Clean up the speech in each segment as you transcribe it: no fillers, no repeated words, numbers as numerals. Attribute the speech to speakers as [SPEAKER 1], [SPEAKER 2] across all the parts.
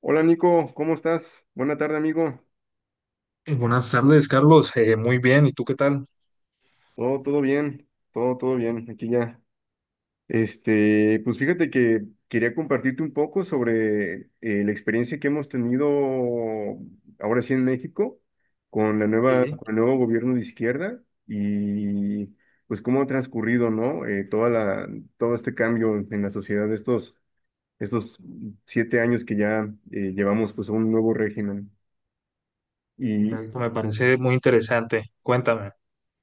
[SPEAKER 1] Hola Nico, ¿cómo estás? Buena tarde, amigo.
[SPEAKER 2] Buenas tardes, Carlos. Muy bien, ¿y tú qué tal?
[SPEAKER 1] Todo, todo bien, todo, todo bien. Aquí ya. Pues fíjate que quería compartirte un poco sobre la experiencia que hemos tenido ahora sí en México
[SPEAKER 2] Sí,
[SPEAKER 1] con el nuevo gobierno de izquierda y pues cómo ha transcurrido, ¿no? Todo este cambio en la sociedad de estos 7 años que ya llevamos pues a un nuevo régimen. y
[SPEAKER 2] correcto, me parece muy interesante. Cuéntame.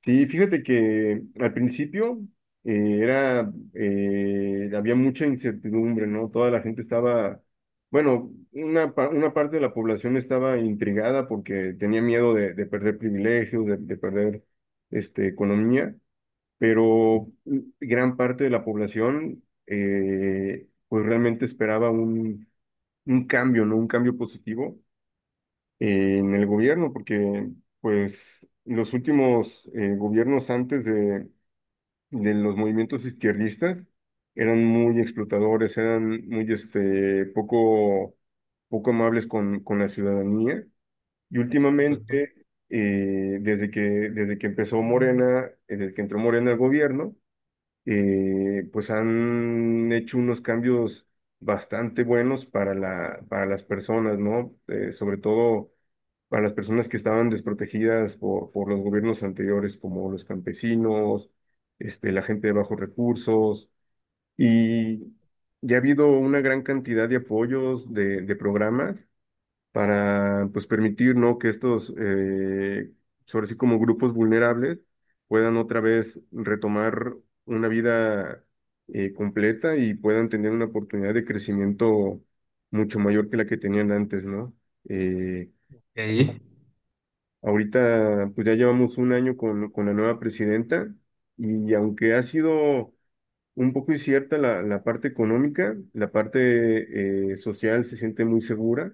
[SPEAKER 1] Sí, fíjate que al principio había mucha incertidumbre, ¿no? Toda la gente estaba, bueno, una parte de la población estaba intrigada porque tenía miedo de perder privilegios, de perder economía, pero gran parte de la población pues realmente esperaba un cambio, ¿no? Un cambio positivo en el gobierno, porque pues los últimos gobiernos antes de los movimientos izquierdistas eran muy explotadores, eran muy poco amables con la ciudadanía. Y
[SPEAKER 2] Correcto.
[SPEAKER 1] últimamente, desde que empezó Morena, desde que entró Morena al gobierno, pues han hecho unos cambios bastante buenos para las personas, ¿no? Sobre todo a las personas que estaban desprotegidas por los gobiernos anteriores, como los campesinos, la gente de bajos recursos, y ya ha habido una gran cantidad de apoyos de programas para pues, permitir, ¿no? que estos, sobre sí como grupos vulnerables, puedan otra vez retomar una vida completa y puedan tener una oportunidad de crecimiento mucho mayor que la que tenían antes, ¿no? Eh,
[SPEAKER 2] Sí.
[SPEAKER 1] Ahorita, pues ya llevamos un año con la nueva presidenta y aunque ha sido un poco incierta la parte económica, la parte social se siente muy segura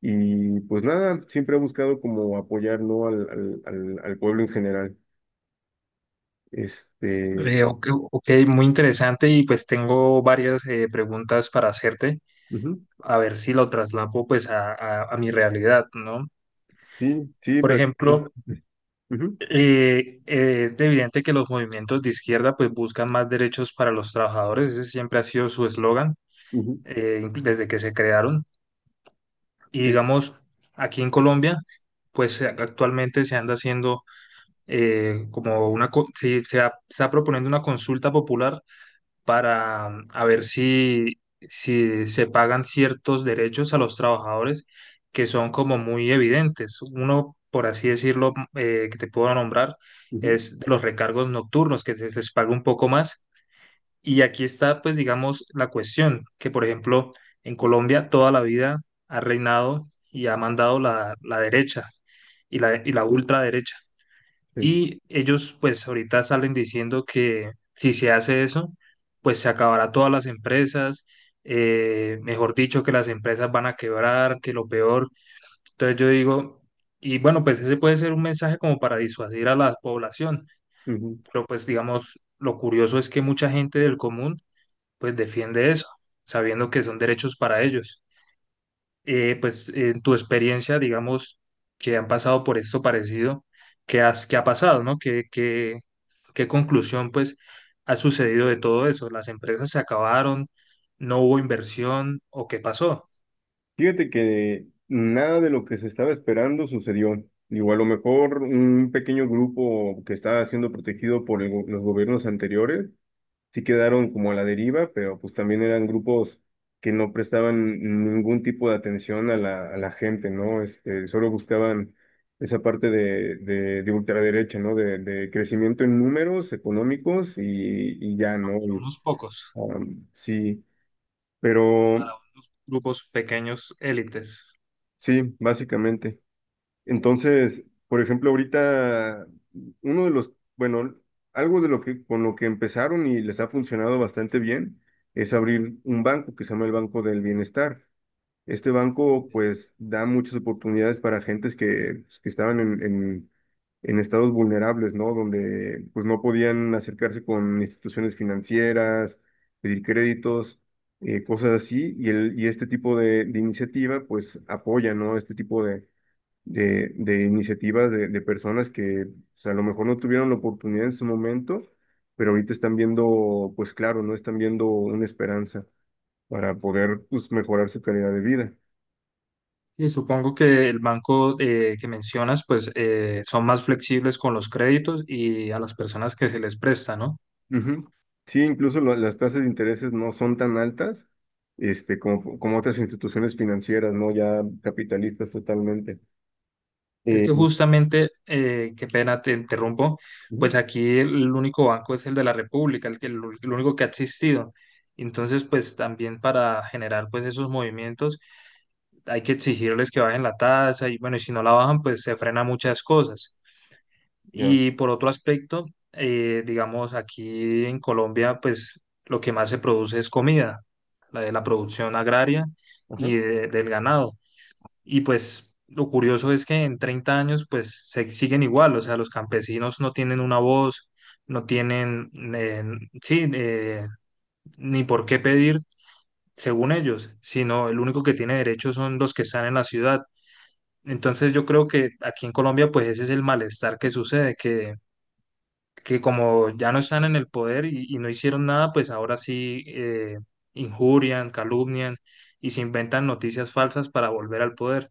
[SPEAKER 1] y pues nada, siempre ha buscado como apoyar, ¿no? al pueblo en general. Este,
[SPEAKER 2] Ok, ok, muy interesante, y pues tengo varias preguntas para hacerte,
[SPEAKER 1] Ujú.
[SPEAKER 2] a ver si lo traslapo pues a mi realidad, ¿no?
[SPEAKER 1] Sí, sí.
[SPEAKER 2] Por ejemplo,
[SPEAKER 1] Ujú,
[SPEAKER 2] es evidente que los movimientos de izquierda pues buscan más derechos para los trabajadores, ese siempre ha sido su eslogan
[SPEAKER 1] ujú.
[SPEAKER 2] desde que se crearon. Y
[SPEAKER 1] Sí.
[SPEAKER 2] digamos, aquí en Colombia, pues actualmente se anda haciendo como se se está proponiendo una consulta popular para a ver si se pagan ciertos derechos a los trabajadores que son como muy evidentes. Uno, por así decirlo, que te puedo nombrar,
[SPEAKER 1] Ujú.
[SPEAKER 2] es los recargos nocturnos, que se les paga un poco más. Y aquí está, pues, digamos, la cuestión, que por ejemplo, en Colombia toda la vida ha reinado y ha mandado la derecha y la ultraderecha.
[SPEAKER 1] Sí.
[SPEAKER 2] Y ellos, pues, ahorita salen diciendo que si se hace eso, pues se acabará todas las empresas, mejor dicho, que las empresas van a quebrar, que lo peor. Entonces yo digo, y bueno, pues ese puede ser un mensaje como para disuadir a la población,
[SPEAKER 1] Ujú.
[SPEAKER 2] pero pues digamos, lo curioso es que mucha gente del común pues defiende eso, sabiendo que son derechos para ellos. Pues en tu experiencia, digamos, que han pasado por esto parecido, ¿qué, has, qué ha pasado, no? ¿Qué conclusión, pues, ha sucedido de todo eso? ¿Las empresas se acabaron? ¿No hubo inversión? ¿O qué pasó?
[SPEAKER 1] Fíjate que nada de lo que se estaba esperando sucedió. Digo, a lo mejor un pequeño grupo que estaba siendo protegido por el los gobiernos anteriores sí quedaron como a la deriva, pero pues también eran grupos que no prestaban ningún tipo de atención a la gente, ¿no? Solo buscaban esa parte de ultraderecha, ¿no? De crecimiento en números económicos y, ya, ¿no? Y,
[SPEAKER 2] Unos pocos,
[SPEAKER 1] sí, pero
[SPEAKER 2] para grupos pequeños, élites.
[SPEAKER 1] sí, básicamente. Entonces, por ejemplo, ahorita bueno, algo de lo que con lo que empezaron y les ha funcionado bastante bien es abrir un banco que se llama el Banco del Bienestar. Este banco pues da muchas oportunidades para gentes que, pues, que estaban en estados vulnerables, ¿no? Donde pues no podían acercarse con instituciones financieras, pedir créditos, cosas así, y, el, y este tipo de iniciativa pues apoya, ¿no? Este tipo de de iniciativas de personas que o sea, a lo mejor no tuvieron la oportunidad en su momento, pero ahorita están viendo, pues claro, no están viendo una esperanza para poder pues, mejorar su calidad de vida.
[SPEAKER 2] Y supongo que el banco que mencionas, pues son más flexibles con los créditos y a las personas que se les presta, ¿no?
[SPEAKER 1] Ujú. Sí, incluso las tasas de intereses no son tan altas como otras instituciones financieras, ¿no? Ya capitalistas totalmente.
[SPEAKER 2] Es
[SPEAKER 1] Eh,
[SPEAKER 2] que justamente, qué pena te interrumpo, pues
[SPEAKER 1] Ujú,
[SPEAKER 2] aquí el único banco es el de la República, el el único que ha existido. Entonces, pues también para generar pues esos movimientos hay que exigirles que bajen la tasa y bueno, y si no la bajan, pues se frena muchas cosas.
[SPEAKER 1] ya,
[SPEAKER 2] Y por otro aspecto, digamos, aquí en Colombia, pues lo que más se produce es comida, la de la producción agraria
[SPEAKER 1] ajá,
[SPEAKER 2] y del ganado. Y pues lo curioso es que en 30 años pues se siguen igual, o sea, los campesinos no tienen una voz, no tienen, sí, eh, ni por qué pedir según ellos, sino el único que tiene derecho son los que están en la ciudad. Entonces yo creo que aquí en Colombia pues ese es el malestar que sucede, que como ya no están en el poder y no hicieron nada, pues ahora sí injurian, calumnian y se inventan noticias falsas para volver al poder.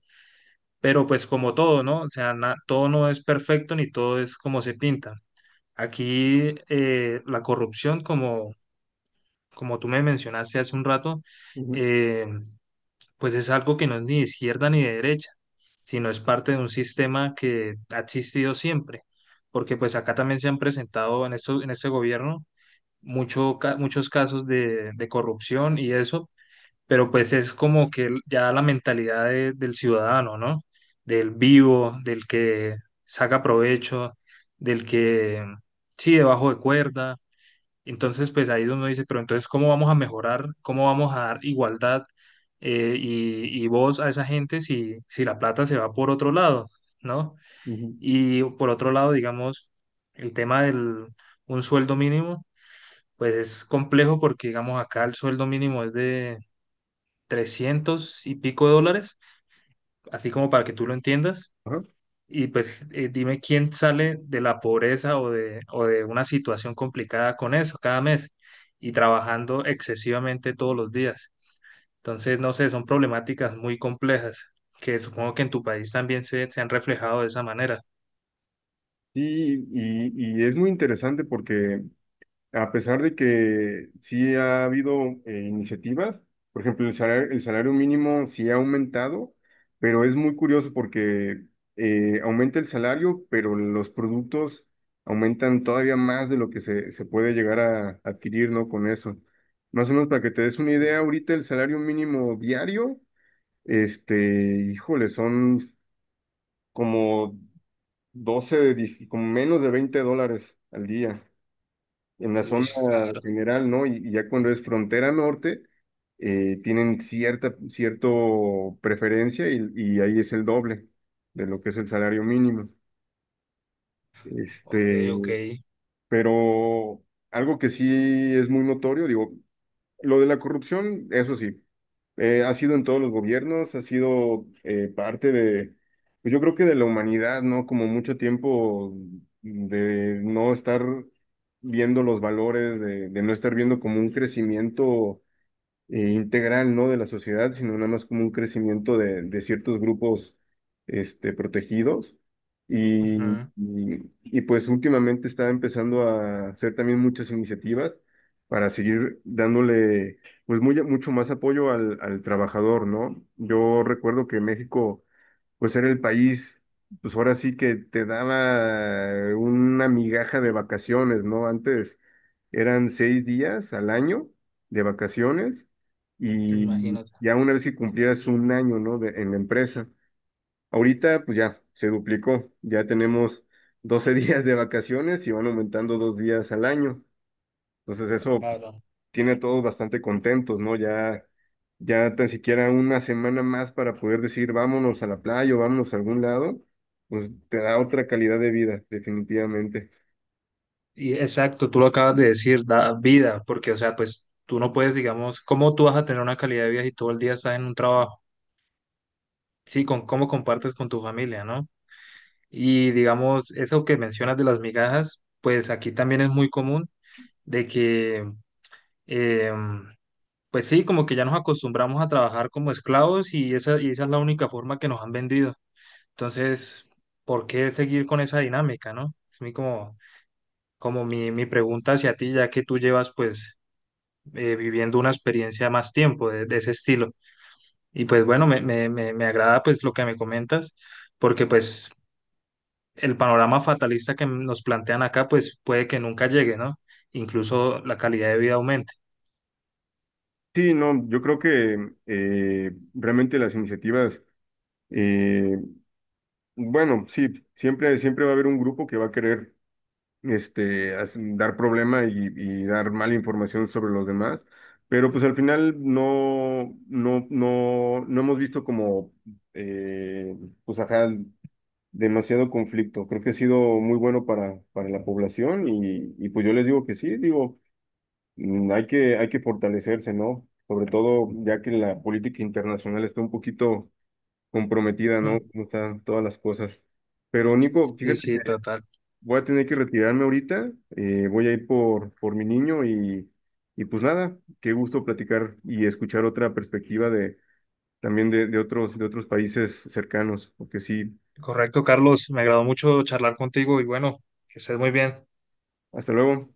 [SPEAKER 2] Pero pues como todo, ¿no? O sea, todo no es perfecto ni todo es como se pinta. Aquí la corrupción, como, como tú me mencionaste hace un rato,
[SPEAKER 1] ujú,
[SPEAKER 2] eh, pues es algo que no es ni de izquierda ni de derecha, sino es parte de un sistema que ha existido siempre. Porque pues acá también se han presentado en esto, en este gobierno muchos casos de corrupción y eso, pero pues es como que ya la mentalidad del ciudadano, ¿no? Del vivo, del que saca provecho, del que sí, debajo de cuerda. Entonces, pues ahí es donde uno dice, pero entonces, ¿cómo vamos a mejorar? ¿Cómo vamos a dar igualdad y voz a esa gente si, si la plata se va por otro lado, ¿no?
[SPEAKER 1] ujú,
[SPEAKER 2] Y por otro lado, digamos, el tema del un sueldo mínimo, pues es complejo porque, digamos, acá el sueldo mínimo es de 300 y pico de dólares, así como para que tú lo entiendas.
[SPEAKER 1] ajá.
[SPEAKER 2] Y pues dime quién sale de la pobreza o de una situación complicada con eso cada mes y trabajando excesivamente todos los días. Entonces, no sé, son problemáticas muy complejas que supongo que en tu país también se han reflejado de esa manera.
[SPEAKER 1] Sí, y es muy interesante porque a pesar de que sí ha habido iniciativas, por ejemplo, el salario mínimo sí ha aumentado, pero es muy curioso porque aumenta el salario, pero los productos aumentan todavía más de lo que se puede llegar a adquirir, ¿no? Con eso. Más o menos para que te des una
[SPEAKER 2] Sí.
[SPEAKER 1] idea, ahorita el salario mínimo diario, este, híjole, son como 12 de 10 como menos de 20 dólares al día en la
[SPEAKER 2] Uy,
[SPEAKER 1] zona
[SPEAKER 2] claro.
[SPEAKER 1] general, ¿no? Y ya cuando es frontera norte, tienen cierta cierto preferencia y ahí es el doble de lo que es el salario mínimo.
[SPEAKER 2] Ok,
[SPEAKER 1] Este,
[SPEAKER 2] ok.
[SPEAKER 1] pero algo que sí es muy notorio, digo, lo de la corrupción, eso sí, ha sido en todos los gobiernos, ha sido parte de, pues yo creo que de la humanidad, ¿no? Como mucho tiempo de no estar viendo los valores, de no estar viendo como un crecimiento integral, ¿no? De la sociedad, sino nada más como un crecimiento de ciertos grupos, protegidos. Y,
[SPEAKER 2] Ujú.
[SPEAKER 1] y pues últimamente está empezando a hacer también muchas iniciativas para seguir dándole, pues muy, mucho más apoyo al trabajador, ¿no? Yo recuerdo que México pues era el país, pues ahora sí que te daba una migaja de vacaciones, ¿no? Antes eran 6 días al año de vacaciones y
[SPEAKER 2] Imagínate.
[SPEAKER 1] ya una vez que cumplieras un año, ¿no? En la empresa. Ahorita, pues ya, se duplicó, ya tenemos 12 días de vacaciones y van aumentando 2 días al año. Entonces eso
[SPEAKER 2] Claro.
[SPEAKER 1] tiene a todos bastante contentos, ¿no? Ya, ya tan siquiera una semana más para poder decir vámonos a la playa o vámonos a algún lado, pues te da otra calidad de vida, definitivamente.
[SPEAKER 2] Y exacto, tú lo acabas de decir, da vida, porque, o sea, pues tú no puedes, digamos, ¿cómo tú vas a tener una calidad de vida si todo el día estás en un trabajo? Sí, con cómo compartes con tu familia, ¿no? Y, digamos, eso que mencionas de las migajas, pues aquí también es muy común de que, eh, pues sí, como que ya nos acostumbramos a trabajar como esclavos y esa es la única forma que nos han vendido. Entonces, ¿por qué seguir con esa dinámica, no? Es mi como, como mi pregunta hacia ti, ya que tú llevas, pues viviendo una experiencia más tiempo de ese estilo. Y pues bueno, me agrada pues lo que me comentas, porque pues el panorama fatalista que nos plantean acá pues puede que nunca llegue, ¿no? Incluso la calidad de vida aumente.
[SPEAKER 1] Sí, no, yo creo que realmente las iniciativas, eh, bueno, sí, siempre va a haber un grupo que va a querer dar problema y, dar mala información sobre los demás. Pero pues al final no hemos visto como, eh, pues ajá, demasiado conflicto. Creo que ha sido muy bueno para la población y, pues yo les digo que sí, digo, hay que fortalecerse, ¿no? Sobre todo ya que la política internacional está un poquito comprometida, ¿no?
[SPEAKER 2] Mm.
[SPEAKER 1] Como están todas las cosas. Pero Nico,
[SPEAKER 2] Sí,
[SPEAKER 1] fíjate.
[SPEAKER 2] sí, total.
[SPEAKER 1] Voy a tener que retirarme ahorita, voy a ir por mi niño y, pues nada, qué gusto platicar y escuchar otra perspectiva de también de otros países cercanos, porque sí,
[SPEAKER 2] Correcto, Carlos, me agradó mucho charlar contigo y bueno, que estés muy bien.
[SPEAKER 1] hasta luego.